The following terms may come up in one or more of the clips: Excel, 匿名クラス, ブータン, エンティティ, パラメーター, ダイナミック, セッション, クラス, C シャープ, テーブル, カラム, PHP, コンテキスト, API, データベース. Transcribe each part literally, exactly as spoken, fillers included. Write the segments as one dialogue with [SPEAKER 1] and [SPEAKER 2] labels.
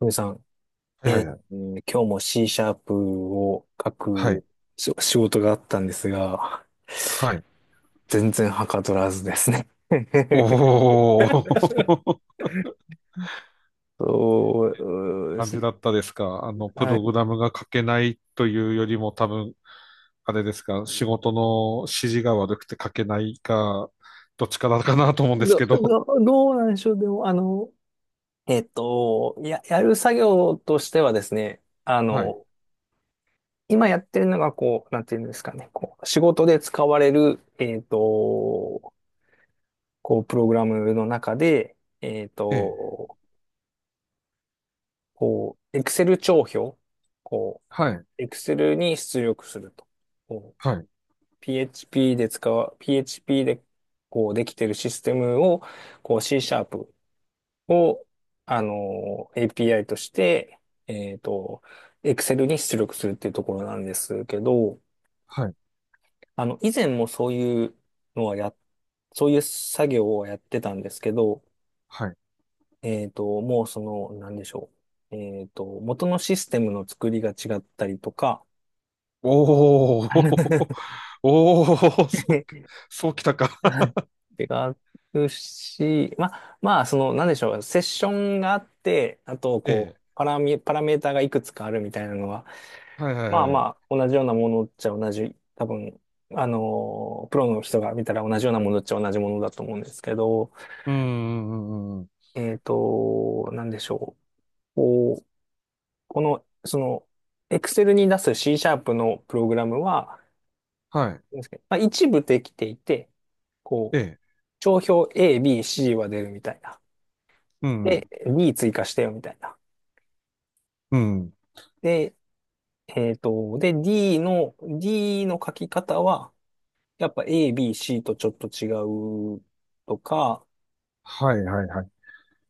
[SPEAKER 1] トミさん、
[SPEAKER 2] は
[SPEAKER 1] えー
[SPEAKER 2] いはい
[SPEAKER 1] 今日も C シャープを書
[SPEAKER 2] はい。は
[SPEAKER 1] く
[SPEAKER 2] い。
[SPEAKER 1] し仕事があったんですが、
[SPEAKER 2] はい。
[SPEAKER 1] 全然はかどらずですね。
[SPEAKER 2] お ー。
[SPEAKER 1] そ うで
[SPEAKER 2] 感じ
[SPEAKER 1] す、
[SPEAKER 2] だったですか。あの、プ
[SPEAKER 1] は
[SPEAKER 2] ロ
[SPEAKER 1] い。
[SPEAKER 2] グラムが書けないというよりも多分、あれですか、仕事の指示が悪くて書けないか、どっちからかなと思うんです
[SPEAKER 1] ど、
[SPEAKER 2] けど。
[SPEAKER 1] ど、どうなんでしょう。でも、あの、えっと、や、やる作業としてはですね、あ
[SPEAKER 2] はい。
[SPEAKER 1] の、今やってるのが、こう、なんていうんですかね、こう、仕事で使われる、えっと、こう、プログラムの中で、えっ
[SPEAKER 2] ええ。
[SPEAKER 1] と、こう、Excel 帳票、こ
[SPEAKER 2] はい。
[SPEAKER 1] う、Excel に出力すると。こう、
[SPEAKER 2] はい。
[SPEAKER 1] ピーエイチピー で使う、ピーエイチピー で、こう、できてるシステムを、こう、C シャープを、あの、エーピーアイ として、えっと、Excel に出力するっていうところなんですけど、
[SPEAKER 2] はい。
[SPEAKER 1] あの、以前もそういうのはや、そういう作業をやってたんですけど、
[SPEAKER 2] はい。
[SPEAKER 1] えっと、もうその、なんでしょう。えっと、元のシステムの作りが違ったりとか、
[SPEAKER 2] おー。おー。そう、そうきたか。
[SPEAKER 1] 違うし、まあ、まあ、その、なんでしょう、セッションがあって、あと、こ
[SPEAKER 2] え
[SPEAKER 1] う、
[SPEAKER 2] え。
[SPEAKER 1] パラミ、パラメーターがいくつかあるみたいなのは、
[SPEAKER 2] はいはい
[SPEAKER 1] ま
[SPEAKER 2] は
[SPEAKER 1] あま
[SPEAKER 2] い。う
[SPEAKER 1] あ、同じようなものっちゃ同じ、多分、あのー、プロの人が見たら同じようなものっちゃ同じものだと思うんですけど、
[SPEAKER 2] ーん。うんうんうん
[SPEAKER 1] えっと、なんでしょう、こう、この、その、Excel に出す C シャープのプログラムは、
[SPEAKER 2] はい。
[SPEAKER 1] なんですけど、まあ、一部できていて、
[SPEAKER 2] え
[SPEAKER 1] こう、
[SPEAKER 2] え。
[SPEAKER 1] 帳票 A、B、C は出るみたいな。
[SPEAKER 2] う
[SPEAKER 1] で、
[SPEAKER 2] ん。
[SPEAKER 1] D 追加してよみたいな。
[SPEAKER 2] うん。
[SPEAKER 1] で、えっと、で、D の、D の書き方は、やっぱ A、B、C とちょっと違うとか、
[SPEAKER 2] はいはいはい。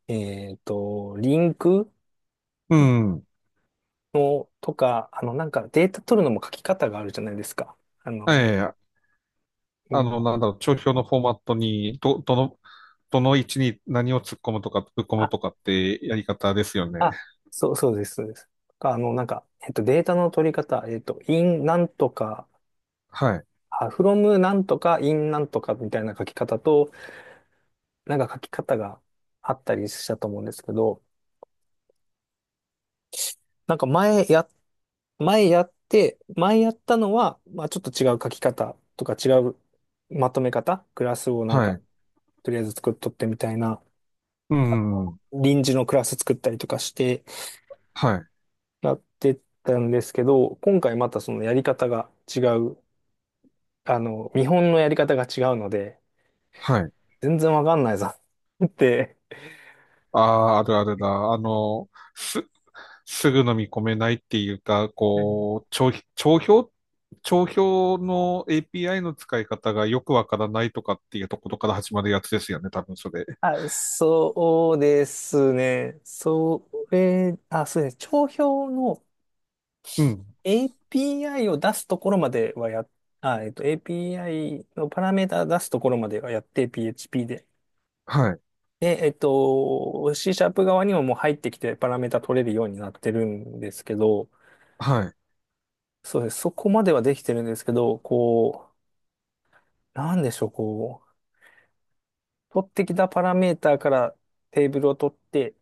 [SPEAKER 1] えっと、リンク
[SPEAKER 2] うん。
[SPEAKER 1] のとか、あの、なんかデータ取るのも書き方があるじゃないですか。あ
[SPEAKER 2] え
[SPEAKER 1] の、
[SPEAKER 2] え、
[SPEAKER 1] う
[SPEAKER 2] あ
[SPEAKER 1] ん
[SPEAKER 2] の、なんだろう、帳票のフォーマットに、ど、どの、どの位置に何を突っ込むとか、ぶっ込む
[SPEAKER 1] あ、
[SPEAKER 2] とかってやり方ですよね。
[SPEAKER 1] あ、そう、そうです、そうです。とか、あの、なんか、えっと、データの取り方、えっと、in なんとか、
[SPEAKER 2] はい、
[SPEAKER 1] あ、from なんとか、in なんとかみたいな書き方と、なんか書き方があったりしたと思うんですけど、なんか前や、前やって、前やったのは、まあちょっと違う書き方とか違うまとめ方、クラスをなん
[SPEAKER 2] は
[SPEAKER 1] か、
[SPEAKER 2] い、
[SPEAKER 1] とりあえず作っとってみたいな、
[SPEAKER 2] うん、
[SPEAKER 1] 臨時のクラス作ったりとかして
[SPEAKER 2] はい、
[SPEAKER 1] やってたんですけど、今回またそのやり方が違う、あの、見本のやり方が違うので、
[SPEAKER 2] はい。
[SPEAKER 1] 全然わかんないぞ って。
[SPEAKER 2] ああ、あるあるだ。あの、す、すぐ飲み込めないっていうか、こう、帳、帳票、帳票の エーピーアイ の使い方がよくわからないとかっていうところから始まるやつですよね、多分それ。
[SPEAKER 1] あ、そうですね。それ、あ、そうですね。帳票の
[SPEAKER 2] うん、
[SPEAKER 1] エーピーアイ を出すところまではや、あ、えっと、エーピーアイ のパラメータ出すところまではやって ピーエイチピー で。
[SPEAKER 2] はい、
[SPEAKER 1] で、えっと、C シャープ側にももう入ってきてパラメータ取れるようになってるんですけど、
[SPEAKER 2] はい、
[SPEAKER 1] そうです。そこまではできてるんですけど、こう、なんでしょう、こう、取ってきたパラメータからテーブルを取って、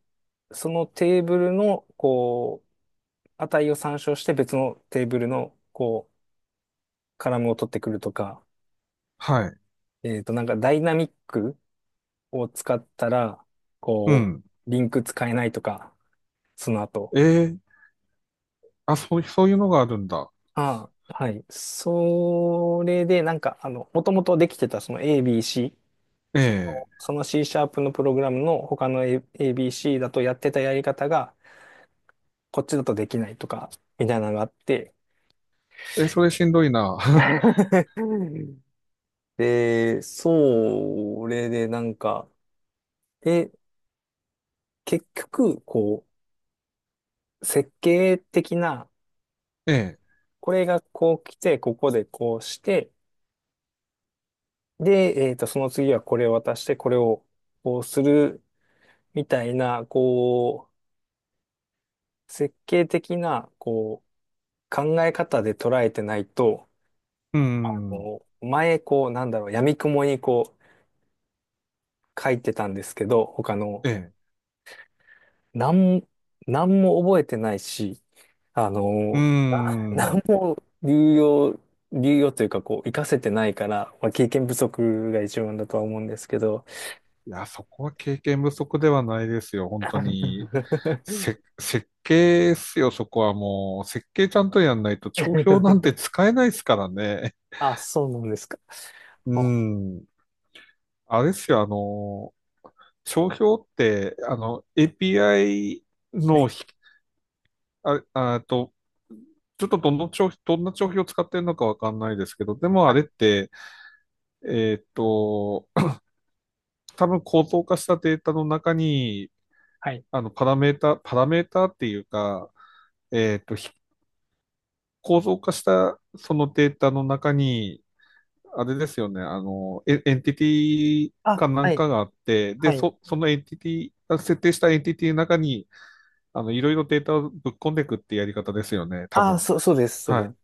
[SPEAKER 1] そのテーブルの、こう、値を参照して別のテーブルの、こう、カラムを取ってくるとか、
[SPEAKER 2] はい、
[SPEAKER 1] えっと、なんかダイナミックを使ったら、
[SPEAKER 2] う
[SPEAKER 1] こ
[SPEAKER 2] ん。
[SPEAKER 1] う、リンク使えないとか、その後。
[SPEAKER 2] ええ、あ、そう、そういうのがあるんだ。
[SPEAKER 1] ああ、はい。それで、なんか、あの、もともとできてたその エービーシー、その、
[SPEAKER 2] え
[SPEAKER 1] その C シャープのプログラムの他の A- エービーシー だとやってたやり方が、こっちだとできないとか、みたいなのがあって、
[SPEAKER 2] え。え、それしんどいな。
[SPEAKER 1] で、それでなんか、え、結局、こう、設計的な、
[SPEAKER 2] ええ。
[SPEAKER 1] これがこう来て、ここでこうして、で、えっと、その次はこれを渡して、これをこうする、みたいな、こう、設計的な、こう、考え方で捉えてないと、
[SPEAKER 2] うん。
[SPEAKER 1] こう前、こう、なんだろう、闇雲にこう、書いてたんですけど、他の、
[SPEAKER 2] ええ。
[SPEAKER 1] なん、なんも覚えてないし、あ
[SPEAKER 2] う
[SPEAKER 1] の、
[SPEAKER 2] ん。
[SPEAKER 1] 何も流用、流用というか、こう、活かせてないから、まあ、経験不足が一番だとは思うんですけど。
[SPEAKER 2] いや、そこは経験不足ではないですよ。本当に。せ、設計ですよ、そこはもう。設計ちゃんとやんないと、帳票なんて使えないですからね。
[SPEAKER 1] あ、そうなんですか。
[SPEAKER 2] う
[SPEAKER 1] ほ、
[SPEAKER 2] ん。あれですよ、あの、帳票って、あの、エーピーアイ
[SPEAKER 1] は
[SPEAKER 2] の
[SPEAKER 1] い。
[SPEAKER 2] ひ、あ、あと、ちょっとどの帳、どんな帳票を使ってるのかわかんないですけど、でもあ
[SPEAKER 1] は
[SPEAKER 2] れっ
[SPEAKER 1] い。
[SPEAKER 2] て、えーっと、多分構造化したデータの中に、
[SPEAKER 1] はい。
[SPEAKER 2] あの、パラメータ、パラメータっていうか、えっと、構造化したそのデータの中に、あれですよね、あの、エエンティティ
[SPEAKER 1] あ、
[SPEAKER 2] かな
[SPEAKER 1] は
[SPEAKER 2] ん
[SPEAKER 1] い。
[SPEAKER 2] かがあって、
[SPEAKER 1] は
[SPEAKER 2] で、
[SPEAKER 1] い。
[SPEAKER 2] そ、そのエンティティ、設定したエンティティの中に、あの、いろいろデータをぶっ込んでいくってやり方ですよね、多
[SPEAKER 1] あ、
[SPEAKER 2] 分。
[SPEAKER 1] そう、そうです。そうで
[SPEAKER 2] は
[SPEAKER 1] す。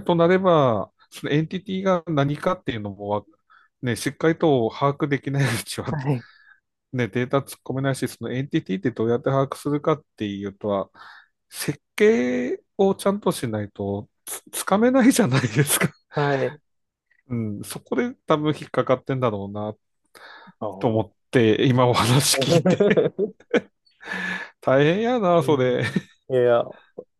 [SPEAKER 2] い。となれば、そのエンティティが何かっていうのもね、しっかりと把握できないうちは
[SPEAKER 1] はい。
[SPEAKER 2] ね、データ突っ込めないし、そのエンティティってどうやって把握するかっていうとは、設計をちゃんとしないとつ、つかめないじゃないですか。
[SPEAKER 1] はい。
[SPEAKER 2] うん、そこで多分引っかかってんだろうな、
[SPEAKER 1] あ
[SPEAKER 2] と思
[SPEAKER 1] ー、
[SPEAKER 2] って、今お
[SPEAKER 1] はい。
[SPEAKER 2] 話聞いて 大変や
[SPEAKER 1] え
[SPEAKER 2] な、そ
[SPEAKER 1] ー、
[SPEAKER 2] れ。
[SPEAKER 1] いや、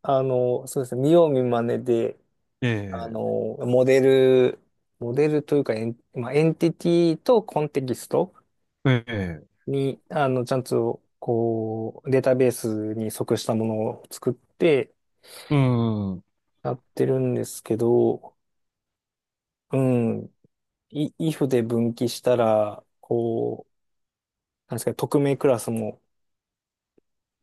[SPEAKER 1] あの、そうですね。見よう見まねで、あ
[SPEAKER 2] え
[SPEAKER 1] の、モデル、モデルというか、エン、まあ、エンティティとコンテキスト
[SPEAKER 2] え、ええ、
[SPEAKER 1] に、あの、ちゃんと、こう、データベースに即したものを作って
[SPEAKER 2] うん、は
[SPEAKER 1] やってるんですけど、うん、い if で分岐したら、こう、なんですか、匿名クラスも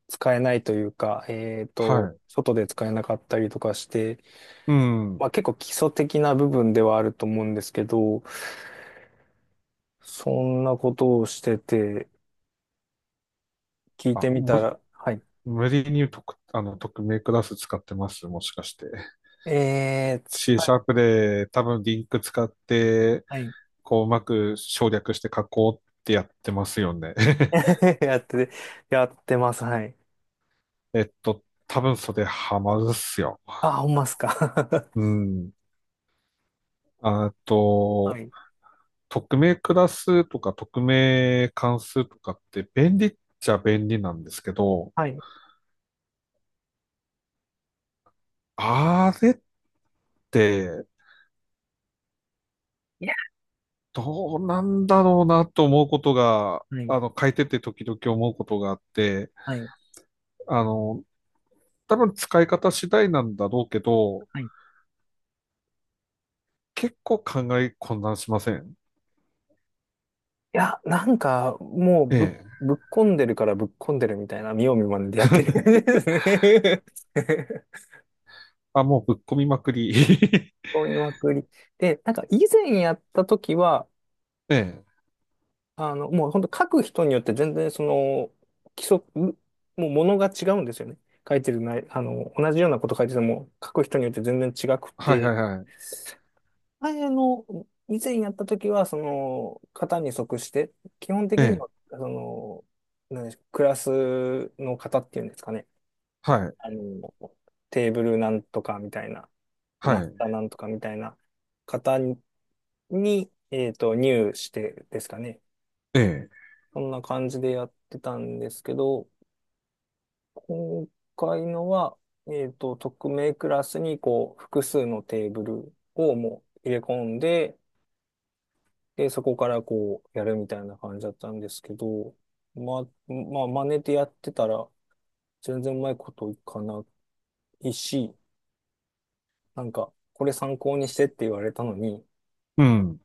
[SPEAKER 1] 使えないというか、えっと、
[SPEAKER 2] い、
[SPEAKER 1] 外で使えなかったりとかして、
[SPEAKER 2] うん。
[SPEAKER 1] まあ結構基礎的な部分ではあると思うんですけど、そんなことをしてて、聞い
[SPEAKER 2] あ、
[SPEAKER 1] てみた
[SPEAKER 2] も、
[SPEAKER 1] ら、はい。
[SPEAKER 2] 無理に特、あの、匿名クラス使ってます、もしかして。
[SPEAKER 1] えー、使
[SPEAKER 2] C シャー
[SPEAKER 1] え、
[SPEAKER 2] プで多分リンク使って、
[SPEAKER 1] はい。
[SPEAKER 2] こう、うまく省略して書こうってやってますよね。
[SPEAKER 1] やって、やってます、はい。
[SPEAKER 2] えっと、多分それハマるっすよ。
[SPEAKER 1] あ、ほんますか。
[SPEAKER 2] う ん。あ
[SPEAKER 1] は
[SPEAKER 2] と、
[SPEAKER 1] い。
[SPEAKER 2] 匿名クラスとか匿名関数とかって便利っちゃ便利なんですけど、
[SPEAKER 1] はい。
[SPEAKER 2] あれって
[SPEAKER 1] いや、
[SPEAKER 2] どうなんだろうなと思うことが、
[SPEAKER 1] はい。
[SPEAKER 2] あの、書いてて時々思うことがあって、
[SPEAKER 1] はい。
[SPEAKER 2] あの、多分使い方次第なんだろうけど、
[SPEAKER 1] はい。い
[SPEAKER 2] 結構考え混乱しません。
[SPEAKER 1] や、なんか、もう
[SPEAKER 2] え
[SPEAKER 1] ぶっ、
[SPEAKER 2] え。
[SPEAKER 1] ぶっこんでるからぶっこんでるみたいな、見よう見まねでやってる感じですね。
[SPEAKER 2] あ、もうぶっ込みまくり。
[SPEAKER 1] こみまくり。で、なんか以前やった時は、
[SPEAKER 2] ええ。
[SPEAKER 1] あの、もう本当書く人によって全然その、規則、もうものが違うんですよね。書いてるない、あの、同じようなこと書いてても、書く人によって全然違く
[SPEAKER 2] はい
[SPEAKER 1] て、
[SPEAKER 2] はいはい。
[SPEAKER 1] 前の、以前やった時は、その、型に即して、基本
[SPEAKER 2] え
[SPEAKER 1] 的に
[SPEAKER 2] え。
[SPEAKER 1] は、その、何でしょう、クラスの型っていうんですかね。
[SPEAKER 2] はい。
[SPEAKER 1] あの、テーブルなんとかみたいな、
[SPEAKER 2] は
[SPEAKER 1] マス
[SPEAKER 2] い。
[SPEAKER 1] ターなんとかみたいな型に、に、えっと、入してですかね。
[SPEAKER 2] ええ。
[SPEAKER 1] そんな感じでやってたんですけど、今回のは、えっと、匿名クラスに、こう、複数のテーブルをもう入れ込んで、で、そこからこう、やるみたいな感じだったんですけど、まあ、まあ、真似てやってたら、全然うまいこといかないし、なんか、これ参考にしてって言われたのに、
[SPEAKER 2] うん。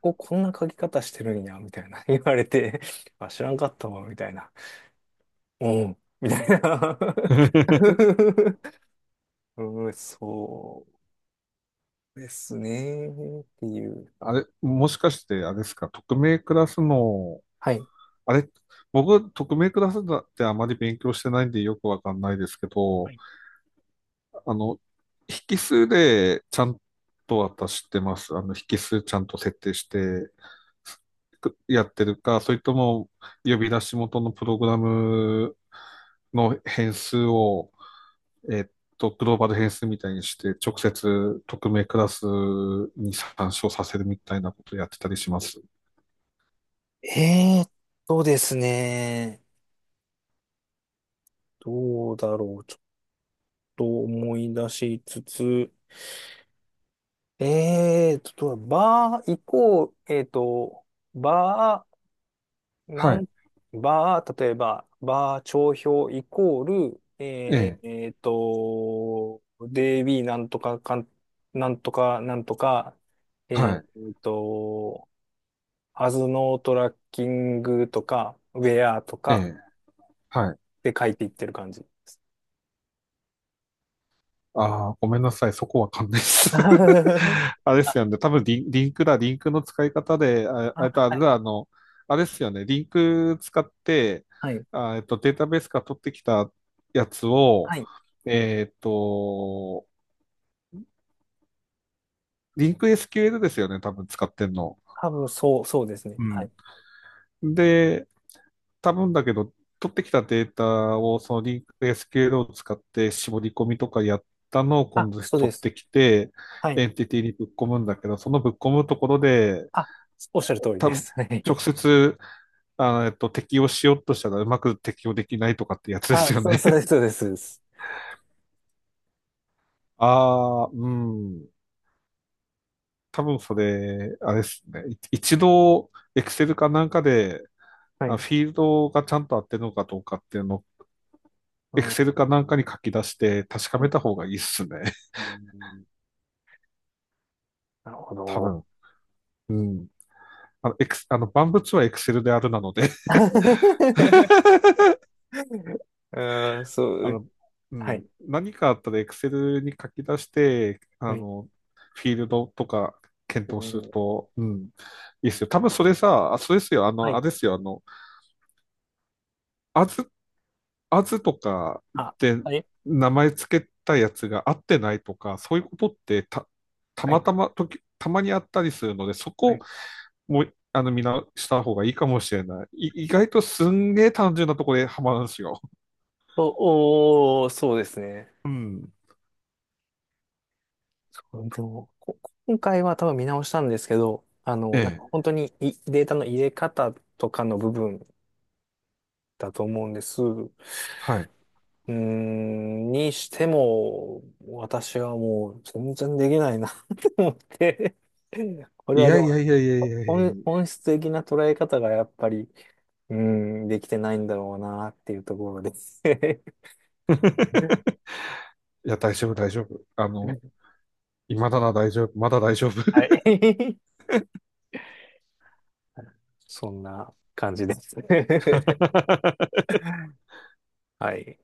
[SPEAKER 1] こここんな書き方してるんや、みたいな 言われて、あ、知らんかったわ、みたいな。うん、みたいな。 うん、そうですね、っていう。
[SPEAKER 2] あれ、もしかして、あれですか、匿名クラスの、
[SPEAKER 1] はい。
[SPEAKER 2] あれ、僕、匿名クラスだってあまり勉強してないんでよくわかんないですけ
[SPEAKER 1] は
[SPEAKER 2] ど、
[SPEAKER 1] い。
[SPEAKER 2] あの、引数でちゃんと私知ってます。あの、引数ちゃんと設定してくやってるか、それとも呼び出し元のプログラムの変数をえっと、グローバル変数みたいにして、直接匿名クラスに参照させるみたいなことやってたりします。
[SPEAKER 1] えーっとですね、どうだろう。ちと思い出しつつ、えーと、バー行こう、えーと、バー、な
[SPEAKER 2] は
[SPEAKER 1] ん、
[SPEAKER 2] い。
[SPEAKER 1] バー、例えば、バー帳票イコール、
[SPEAKER 2] え
[SPEAKER 1] え
[SPEAKER 2] え。
[SPEAKER 1] ー、えーと、デイビーなんとかかん、なんとか、なんとか、え
[SPEAKER 2] は
[SPEAKER 1] ーと、アズノートラッキングとか、ウェアと
[SPEAKER 2] い。え
[SPEAKER 1] か
[SPEAKER 2] え。はい。
[SPEAKER 1] で書いていってる感じ。
[SPEAKER 2] ああ、ごめんなさい。そこわかんないです。あれで
[SPEAKER 1] あ、
[SPEAKER 2] すよね。多分リン、リンクだ。リンクの使い方で、ああれと
[SPEAKER 1] あ、
[SPEAKER 2] あ
[SPEAKER 1] は
[SPEAKER 2] れ
[SPEAKER 1] い、
[SPEAKER 2] だ、あの、あれですよね。リンク使って、
[SPEAKER 1] はい、
[SPEAKER 2] あ、えっと、データベースから取ってきたやつを、
[SPEAKER 1] はい。
[SPEAKER 2] えっと、リンク エスキューエル ですよね。多分使ってんの。
[SPEAKER 1] 多分そう、そうですね。
[SPEAKER 2] う
[SPEAKER 1] は
[SPEAKER 2] ん。
[SPEAKER 1] い。
[SPEAKER 2] で、多分だけど、取ってきたデータをそのリンクエスケーエルを使って絞り込みとかやったのを今
[SPEAKER 1] あ、
[SPEAKER 2] 度
[SPEAKER 1] そうで
[SPEAKER 2] 取っ
[SPEAKER 1] す。
[SPEAKER 2] てきて、
[SPEAKER 1] は
[SPEAKER 2] エ
[SPEAKER 1] い。
[SPEAKER 2] ンティティにぶっ込むんだけど、そのぶっ込むところで、
[SPEAKER 1] あ、おっしゃる通り
[SPEAKER 2] 多
[SPEAKER 1] で
[SPEAKER 2] 分
[SPEAKER 1] す。は
[SPEAKER 2] 直
[SPEAKER 1] い。
[SPEAKER 2] 接、あの、えっと、適用しようとしたらうまく適用できないとかってやつ です
[SPEAKER 1] あ、
[SPEAKER 2] よ
[SPEAKER 1] そ
[SPEAKER 2] ね。
[SPEAKER 1] う、そうです、そうです。そうです、
[SPEAKER 2] ああ、うん。多分それ、あれですね。い一度、Excel かなんかで、
[SPEAKER 1] は
[SPEAKER 2] あ
[SPEAKER 1] い。
[SPEAKER 2] フィールドがちゃんと合ってるのかどうかっていうのを、
[SPEAKER 1] うん。
[SPEAKER 2] Excel かなんかに書き出して確か
[SPEAKER 1] う
[SPEAKER 2] め
[SPEAKER 1] ん、
[SPEAKER 2] た方がいいっすね。
[SPEAKER 1] あのなるほ
[SPEAKER 2] 多
[SPEAKER 1] ど。
[SPEAKER 2] 分。うん。あの、エクス、あの、万物はエクセルであるなので
[SPEAKER 1] うん、そ
[SPEAKER 2] あ
[SPEAKER 1] う。
[SPEAKER 2] の、う
[SPEAKER 1] はい。
[SPEAKER 2] ん。何かあったらエクセルに書き出して、あ
[SPEAKER 1] はい。
[SPEAKER 2] の、フィールドとか
[SPEAKER 1] う
[SPEAKER 2] 検討する
[SPEAKER 1] ん、
[SPEAKER 2] と、うん。いいっすよ。多分それさ、あそうですよ。あ
[SPEAKER 1] は
[SPEAKER 2] の、
[SPEAKER 1] い。
[SPEAKER 2] あれですよ。あの、アズ、アズとか
[SPEAKER 1] あ、
[SPEAKER 2] で
[SPEAKER 1] はい。
[SPEAKER 2] 名前つけたやつが合ってないとか、そういうことってた、た
[SPEAKER 1] は
[SPEAKER 2] ま
[SPEAKER 1] い。
[SPEAKER 2] たま時、たまにあったりするので、そ
[SPEAKER 1] は
[SPEAKER 2] こ
[SPEAKER 1] い。
[SPEAKER 2] もう、あの、みんなした方がいいかもしれない。い、意外とすんげえ単純なところでハマるんですよ。
[SPEAKER 1] お、おー、そうですね。
[SPEAKER 2] うん。
[SPEAKER 1] そうでも、こ今回は多分見直したんですけど、あ
[SPEAKER 2] え
[SPEAKER 1] の、なんか
[SPEAKER 2] え。
[SPEAKER 1] 本当に、いデータの入れ方とかの部分だと思うんです。
[SPEAKER 2] はい。
[SPEAKER 1] うーん、にしても、私はもう全然できないな って思って。これ
[SPEAKER 2] い
[SPEAKER 1] はで
[SPEAKER 2] やいや
[SPEAKER 1] も
[SPEAKER 2] いやいやいやいやい
[SPEAKER 1] 本、
[SPEAKER 2] や。
[SPEAKER 1] 本質的な捉え方がやっぱり、うーん、できてないんだろうなっていうところです。
[SPEAKER 2] いや、大丈夫、大丈夫。あの、今だな、大丈夫。まだ大丈夫。
[SPEAKER 1] はい。そんな感じです。はい。